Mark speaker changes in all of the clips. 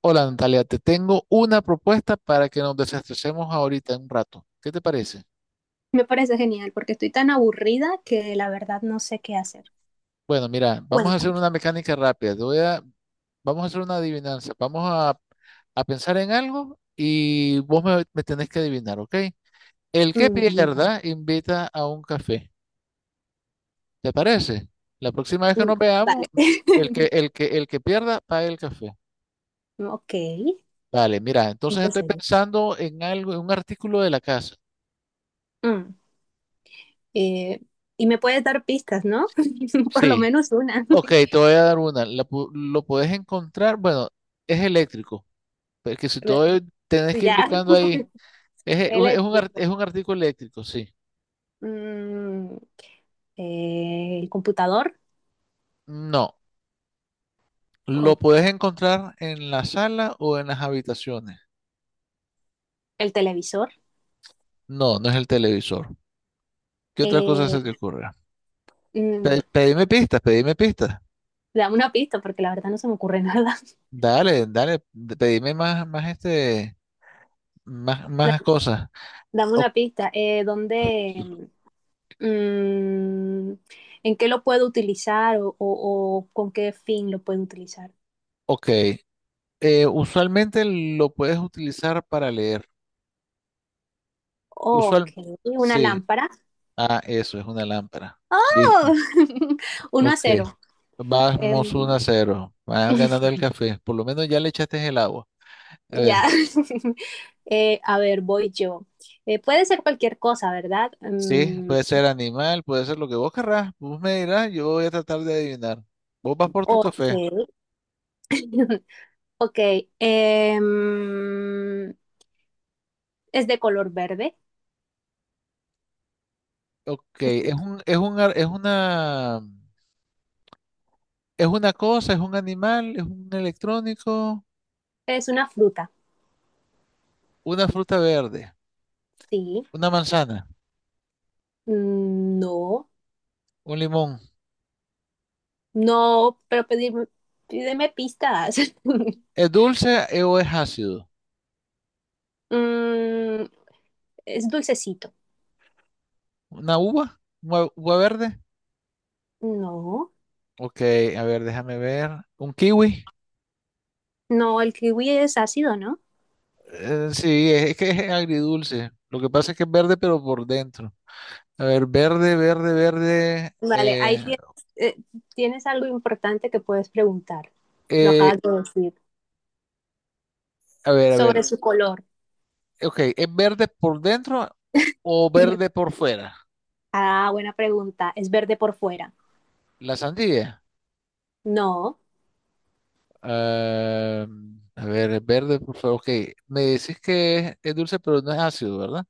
Speaker 1: Hola Natalia, te tengo una propuesta para que nos desestresemos ahorita en un rato. ¿Qué te parece?
Speaker 2: Me parece genial porque estoy tan aburrida que la verdad no sé qué hacer.
Speaker 1: Bueno, mira, vamos a hacer
Speaker 2: Cuéntame.
Speaker 1: una mecánica rápida. Vamos a hacer una adivinanza. A pensar en algo y me tenés que adivinar, ¿ok? El que
Speaker 2: Mm, vale.
Speaker 1: pierda invita a un café. ¿Te parece? La próxima vez que
Speaker 2: Mm,
Speaker 1: nos
Speaker 2: vale.
Speaker 1: veamos, el que, el que, el que pierda paga el café.
Speaker 2: Ok,
Speaker 1: Vale, mira, entonces estoy
Speaker 2: empecemos.
Speaker 1: pensando en algo, en un artículo de la casa.
Speaker 2: Mm, eh, y me puedes dar pistas, ¿no? Por lo
Speaker 1: Sí.
Speaker 2: menos una.
Speaker 1: Ok, te voy a dar una. Lo puedes encontrar, bueno, es eléctrico, porque si
Speaker 2: A ver.
Speaker 1: todo el- tenés que ir
Speaker 2: Ya.
Speaker 1: buscando ahí, es, e- un- es un, ar-
Speaker 2: Eléctrico.
Speaker 1: es un artículo eléctrico, sí.
Speaker 2: Mm, el computador.
Speaker 1: No, lo
Speaker 2: Ok.
Speaker 1: puedes encontrar en la sala o en las habitaciones.
Speaker 2: El televisor.
Speaker 1: No, no es el televisor. ¿Qué otra
Speaker 2: Eh,
Speaker 1: cosa se te ocurra?
Speaker 2: mm,
Speaker 1: Pedime pistas, pedime pistas.
Speaker 2: Dame una pista porque la verdad no se me ocurre nada.
Speaker 1: Dale, pedime más, más este, más, más
Speaker 2: Da-
Speaker 1: cosas.
Speaker 2: Dame
Speaker 1: O-
Speaker 2: una pista. Mm, ¿En qué lo puedo utilizar o con qué fin lo puedo utilizar?
Speaker 1: ok, usualmente lo puedes utilizar para leer.
Speaker 2: Ok,
Speaker 1: Usual,
Speaker 2: una
Speaker 1: sí.
Speaker 2: lámpara.
Speaker 1: Ah, eso, es una lámpara. Listo.
Speaker 2: ¡Oh! Uno a
Speaker 1: Ok.
Speaker 2: cero.
Speaker 1: Vamos
Speaker 2: Em,
Speaker 1: 1 a cero. Van ganando el café. Por lo menos ya le echaste el agua. A
Speaker 2: ya.
Speaker 1: ver.
Speaker 2: A ver, voy yo. Puede ser cualquier cosa, ¿verdad?
Speaker 1: Sí,
Speaker 2: Mm,
Speaker 1: puede ser animal, puede ser lo que vos querrás. Vos me dirás, yo voy a tratar de adivinar. Vos vas por tu
Speaker 2: ok.
Speaker 1: café.
Speaker 2: Ok. em, es de color verde. Es,
Speaker 1: Es una, es una cosa, es un animal, es un electrónico,
Speaker 2: es una fruta.
Speaker 1: una fruta verde,
Speaker 2: Sí.
Speaker 1: una manzana,
Speaker 2: Mm, no.
Speaker 1: un limón.
Speaker 2: No, pero pídeme pistas.
Speaker 1: ¿Es dulce o es ácido?
Speaker 2: Mm, es dulcecito.
Speaker 1: ¿Una uva? ¿Una uva verde?
Speaker 2: No,
Speaker 1: Ok, a ver, déjame ver. ¿Un kiwi?
Speaker 2: no, el kiwi es ácido, ¿no?
Speaker 1: Sí, es que es agridulce. Lo que pasa es que es verde, pero por dentro. A ver, verde, verde, verde.
Speaker 2: Vale, ahí tienes, eh, tienes algo importante que puedes preguntar. Lo
Speaker 1: Eh,
Speaker 2: acabas de decir.
Speaker 1: a ver, a ver.
Speaker 2: Sobre su color.
Speaker 1: Ok, ¿es verde por dentro o verde por fuera?
Speaker 2: Ah, buena pregunta. ¿Es verde por fuera?
Speaker 1: La sandía.
Speaker 2: No.
Speaker 1: Ah, a ver, es verde por fuera. Ok, me decís que es dulce, pero no es ácido, ¿verdad?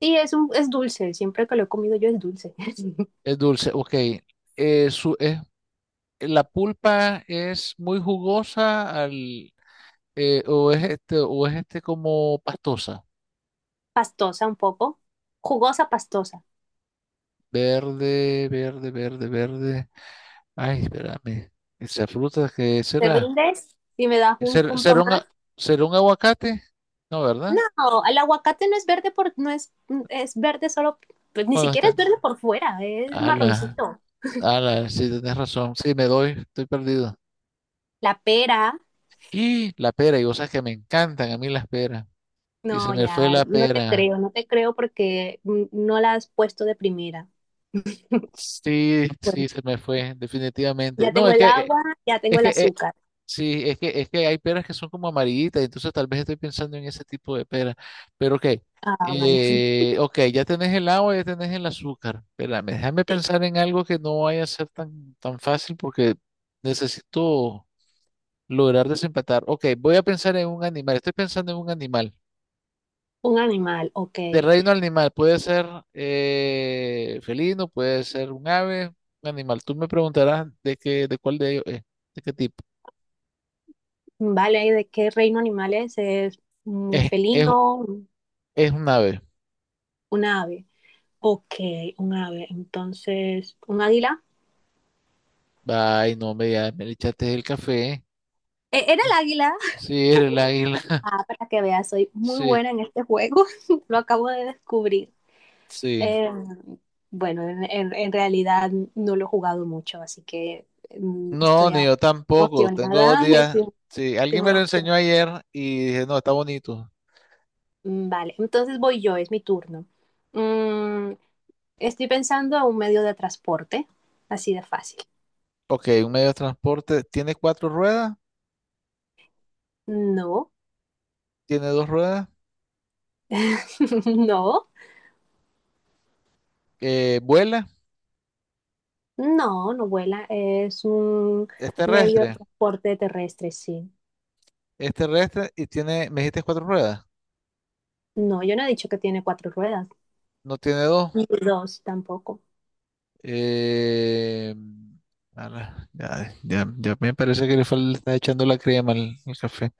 Speaker 2: Sí, es dulce. Siempre que lo he comido yo es dulce.
Speaker 1: Es dulce, ok. Eh, su, es- la pulpa es muy jugosa al, o es este como pastosa,
Speaker 2: Pastosa un poco. Jugosa, pastosa.
Speaker 1: verde, verde, verde, verde. ay, espérame. Esa fruta, ¿qué
Speaker 2: ¿Te
Speaker 1: será?
Speaker 2: rindes? Y me das un
Speaker 1: ¿Será,
Speaker 2: punto
Speaker 1: será un,
Speaker 2: más.
Speaker 1: a- Será un aguacate? No, ¿verdad?
Speaker 2: No, el aguacate no es, es verde solo, pues ni
Speaker 1: Cuando
Speaker 2: siquiera
Speaker 1: está.
Speaker 2: es verde por fuera, es
Speaker 1: Ala,
Speaker 2: marroncito.
Speaker 1: ala, sí, tenés razón. Sí, me doy, estoy perdido.
Speaker 2: La pera,
Speaker 1: Y la pera, y vos sabes que me encantan a mí las peras. Y se
Speaker 2: no,
Speaker 1: me fue
Speaker 2: ya,
Speaker 1: la
Speaker 2: no te
Speaker 1: pera.
Speaker 2: creo, no te creo porque no la has puesto de primera.
Speaker 1: Sí,
Speaker 2: Bueno,
Speaker 1: sí, se me fue, definitivamente.
Speaker 2: ya
Speaker 1: No,
Speaker 2: tengo el agua, ya tengo
Speaker 1: es
Speaker 2: el
Speaker 1: que
Speaker 2: azúcar.
Speaker 1: Sí, es que hay peras que son como amarillitas, entonces tal vez estoy pensando en ese tipo de pera. Pero ok,
Speaker 2: Ah, vale.
Speaker 1: ok, ya tenés el agua, ya tenés el azúcar. Espérame, déjame
Speaker 2: Sí.
Speaker 1: pensar en algo que no vaya a ser tan fácil porque necesito lograr desempatar. Ok, voy a pensar en un animal, estoy pensando en un animal.
Speaker 2: Un animal, ok.
Speaker 1: De reino animal, puede ser felino, puede ser un ave, un animal. Tú me preguntarás de cuál de ellos es, de qué tipo.
Speaker 2: Vale, ¿de qué reino animal es? ¿Es un
Speaker 1: Es, es,
Speaker 2: felino,
Speaker 1: es un ave.
Speaker 2: un ave? Ok, un ave. Entonces, ¿un águila?
Speaker 1: Ay, no, me, ya me le echaste el café.
Speaker 2: ¿Era el águila?
Speaker 1: Sí, eres el águila.
Speaker 2: Ah, para que veas, soy muy
Speaker 1: Sí,
Speaker 2: buena en este juego. Lo acabo de descubrir.
Speaker 1: sí.
Speaker 2: Eh, bueno, en realidad no lo he jugado mucho, así que mm,
Speaker 1: No,
Speaker 2: estoy
Speaker 1: ni
Speaker 2: a-
Speaker 1: yo tampoco. Tengo dos
Speaker 2: emocionada. Estoy,
Speaker 1: días.
Speaker 2: estoy
Speaker 1: Sí, alguien
Speaker 2: muy
Speaker 1: me lo
Speaker 2: emocionada.
Speaker 1: enseñó ayer y dije, no, está bonito.
Speaker 2: Mm, vale, entonces voy yo, es mi turno. Mm, Estoy pensando a un medio de transporte, así de fácil.
Speaker 1: Ok, un medio de transporte. Tiene cuatro ruedas,
Speaker 2: No,
Speaker 1: tiene dos ruedas,
Speaker 2: no,
Speaker 1: vuela,
Speaker 2: no, no vuela. Es un
Speaker 1: es
Speaker 2: medio de
Speaker 1: terrestre,
Speaker 2: transporte terrestre, sí.
Speaker 1: me dijiste cuatro ruedas,
Speaker 2: No, yo no he dicho que tiene cuatro ruedas.
Speaker 1: no tiene dos.
Speaker 2: Ni dos tampoco.
Speaker 1: Eh, ala, ya me parece que le está echando la crema al café.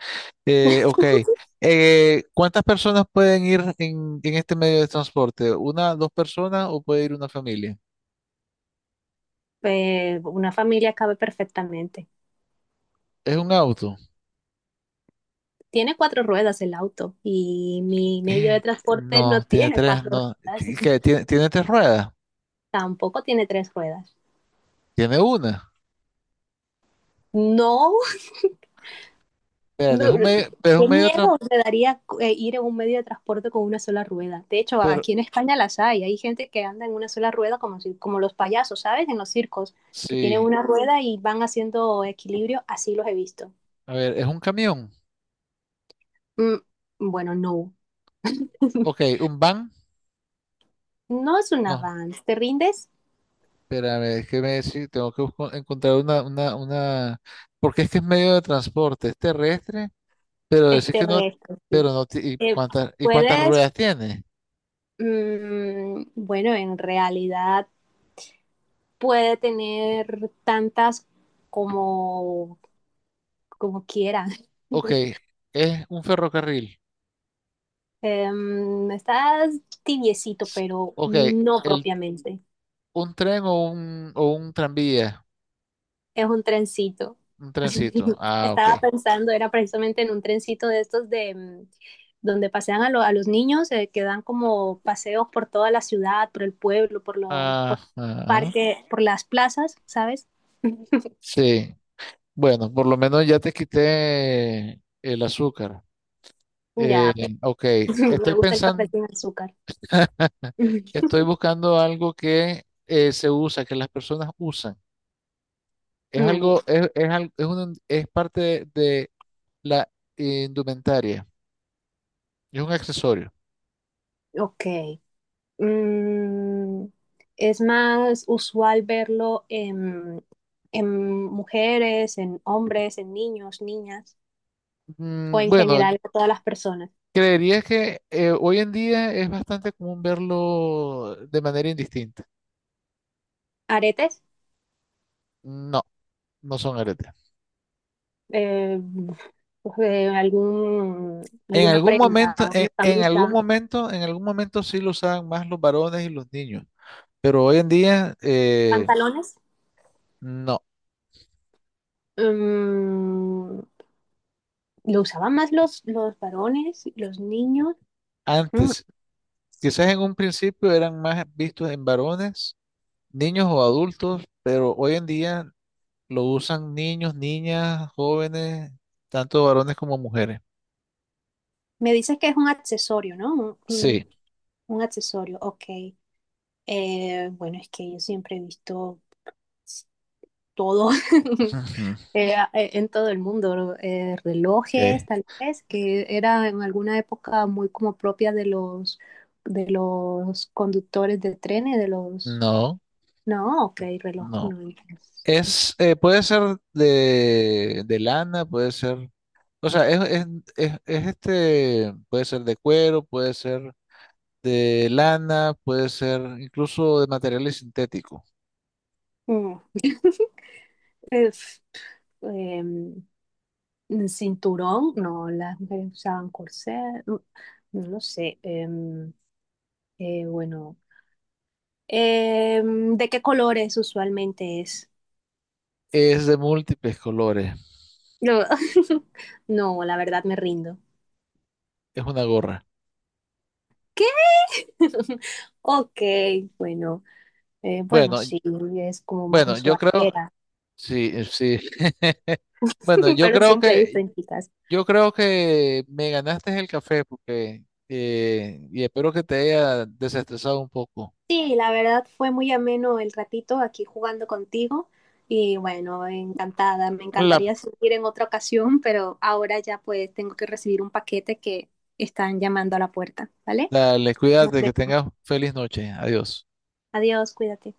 Speaker 1: Ok. ¿Cuántas personas pueden ir en este medio de transporte? ¿Una, dos personas o puede ir una familia?
Speaker 2: Una familia cabe perfectamente.
Speaker 1: ¿Es un auto?
Speaker 2: Tiene cuatro ruedas el auto y mi medio de transporte no
Speaker 1: No, tiene
Speaker 2: tiene
Speaker 1: tres,
Speaker 2: cuatro
Speaker 1: no.
Speaker 2: ruedas,
Speaker 1: ¿Ti- qué? Tiene tres ruedas?
Speaker 2: tampoco tiene tres ruedas.
Speaker 1: Tiene una.
Speaker 2: No,
Speaker 1: Espérate,
Speaker 2: no,
Speaker 1: pero es un
Speaker 2: qué
Speaker 1: medio de
Speaker 2: miedo
Speaker 1: transporte.
Speaker 2: me daría ir en un medio de transporte con una sola rueda. De hecho,
Speaker 1: Pero,
Speaker 2: aquí en España las hay, hay gente que anda en una sola rueda como, como los payasos, ¿sabes? En los circos, que tienen
Speaker 1: sí,
Speaker 2: una rueda y van haciendo equilibrio, así los he visto.
Speaker 1: a ver, ¿es un camión?
Speaker 2: Mm, bueno, no.
Speaker 1: Ok, ¿un van?
Speaker 2: No es un
Speaker 1: No,
Speaker 2: avance, te rindes
Speaker 1: espérame, es que tengo que encontrar una, porque es que es medio de transporte, es terrestre, pero decir
Speaker 2: este
Speaker 1: que no,
Speaker 2: reto, sí.
Speaker 1: pero no,
Speaker 2: Eh,
Speaker 1: y cuántas
Speaker 2: puedes,
Speaker 1: ruedas tiene?
Speaker 2: bueno, en realidad puede tener tantas como, como quiera.
Speaker 1: Ok, es un ferrocarril.
Speaker 2: Em, estás tibiecito,
Speaker 1: S-
Speaker 2: pero
Speaker 1: Ok,
Speaker 2: no
Speaker 1: el,
Speaker 2: propiamente.
Speaker 1: un tren o o un tranvía,
Speaker 2: Es un trencito.
Speaker 1: un trencito. Ah, ok.
Speaker 2: Estaba pensando, era precisamente en un trencito de estos de donde pasean a, a los niños, que dan como paseos por toda la ciudad, por el pueblo, por los por
Speaker 1: Ajá,
Speaker 2: parques, por las plazas, ¿sabes?
Speaker 1: sí. Bueno, por lo menos ya te quité el azúcar.
Speaker 2: Ya, pero
Speaker 1: Eh, ok,
Speaker 2: me
Speaker 1: estoy
Speaker 2: gusta el café
Speaker 1: pensando,
Speaker 2: sin azúcar.
Speaker 1: estoy buscando algo que se usa, que las personas usan. Es
Speaker 2: Mm,
Speaker 1: algo, es, al- es, un- Es parte de la indumentaria, es un accesorio.
Speaker 2: ok. Mm, es más usual verlo en mujeres, en hombres, en niños, niñas, o
Speaker 1: Mm,
Speaker 2: en
Speaker 1: Bueno,
Speaker 2: general a todas las personas.
Speaker 1: Creería que hoy en día es bastante común verlo de manera indistinta.
Speaker 2: Aretes,
Speaker 1: No, no son aretes.
Speaker 2: eh, pues, algún,
Speaker 1: En
Speaker 2: alguna
Speaker 1: algún momento,
Speaker 2: prenda, una
Speaker 1: en algún
Speaker 2: camisa,
Speaker 1: momento, en algún momento sí lo usaban más los varones y los niños, pero hoy en día
Speaker 2: pantalones.
Speaker 1: no.
Speaker 2: Mm, lo usaban más los varones, los niños. Mm,
Speaker 1: Antes, quizás en un principio eran más vistos en varones, niños o adultos, pero hoy en día lo usan niños, niñas, jóvenes, tanto varones como mujeres.
Speaker 2: me dices que es un accesorio, ¿no?
Speaker 1: Sí.
Speaker 2: Un accesorio, ok. Bueno, es que yo siempre he visto pues, todo.
Speaker 1: Ujú.
Speaker 2: Eh, en todo el mundo, ¿no?
Speaker 1: Ok.
Speaker 2: Relojes tal vez, que era en alguna época muy como propia de los conductores de trenes, de los...
Speaker 1: No,
Speaker 2: No, ok, reloj,
Speaker 1: no.
Speaker 2: no entonces.
Speaker 1: Es, puede ser de lana, puede ser, o sea, es este, puede ser de cuero, puede ser de lana, puede ser incluso de materiales sintéticos.
Speaker 2: Mm. Es, em, Cinturón, no, las mujeres usaban corset, no, no lo sé. Bueno, ¿de qué colores usualmente es?
Speaker 1: Es de múltiples colores,
Speaker 2: No, no, la verdad me rindo.
Speaker 1: es una gorra.
Speaker 2: Ok, bueno, bueno,
Speaker 1: Bueno, y-
Speaker 2: sí, es como más
Speaker 1: bueno, yo
Speaker 2: usual
Speaker 1: creo,
Speaker 2: era,
Speaker 1: sí, sí. Bueno, yo
Speaker 2: pero
Speaker 1: creo
Speaker 2: siempre hay visto
Speaker 1: que,
Speaker 2: en chicas.
Speaker 1: yo creo que me ganaste el café porque, y espero que te haya desestresado un poco.
Speaker 2: Sí, la verdad fue muy ameno el ratito aquí jugando contigo y bueno, encantada. Me
Speaker 1: La
Speaker 2: encantaría seguir en otra ocasión, pero ahora ya pues tengo que recibir un paquete que están llamando a la puerta, ¿vale?
Speaker 1: dale,
Speaker 2: Nos
Speaker 1: cuídate, que
Speaker 2: vemos.
Speaker 1: tengas feliz noche. Adiós.
Speaker 2: Adiós, cuídate.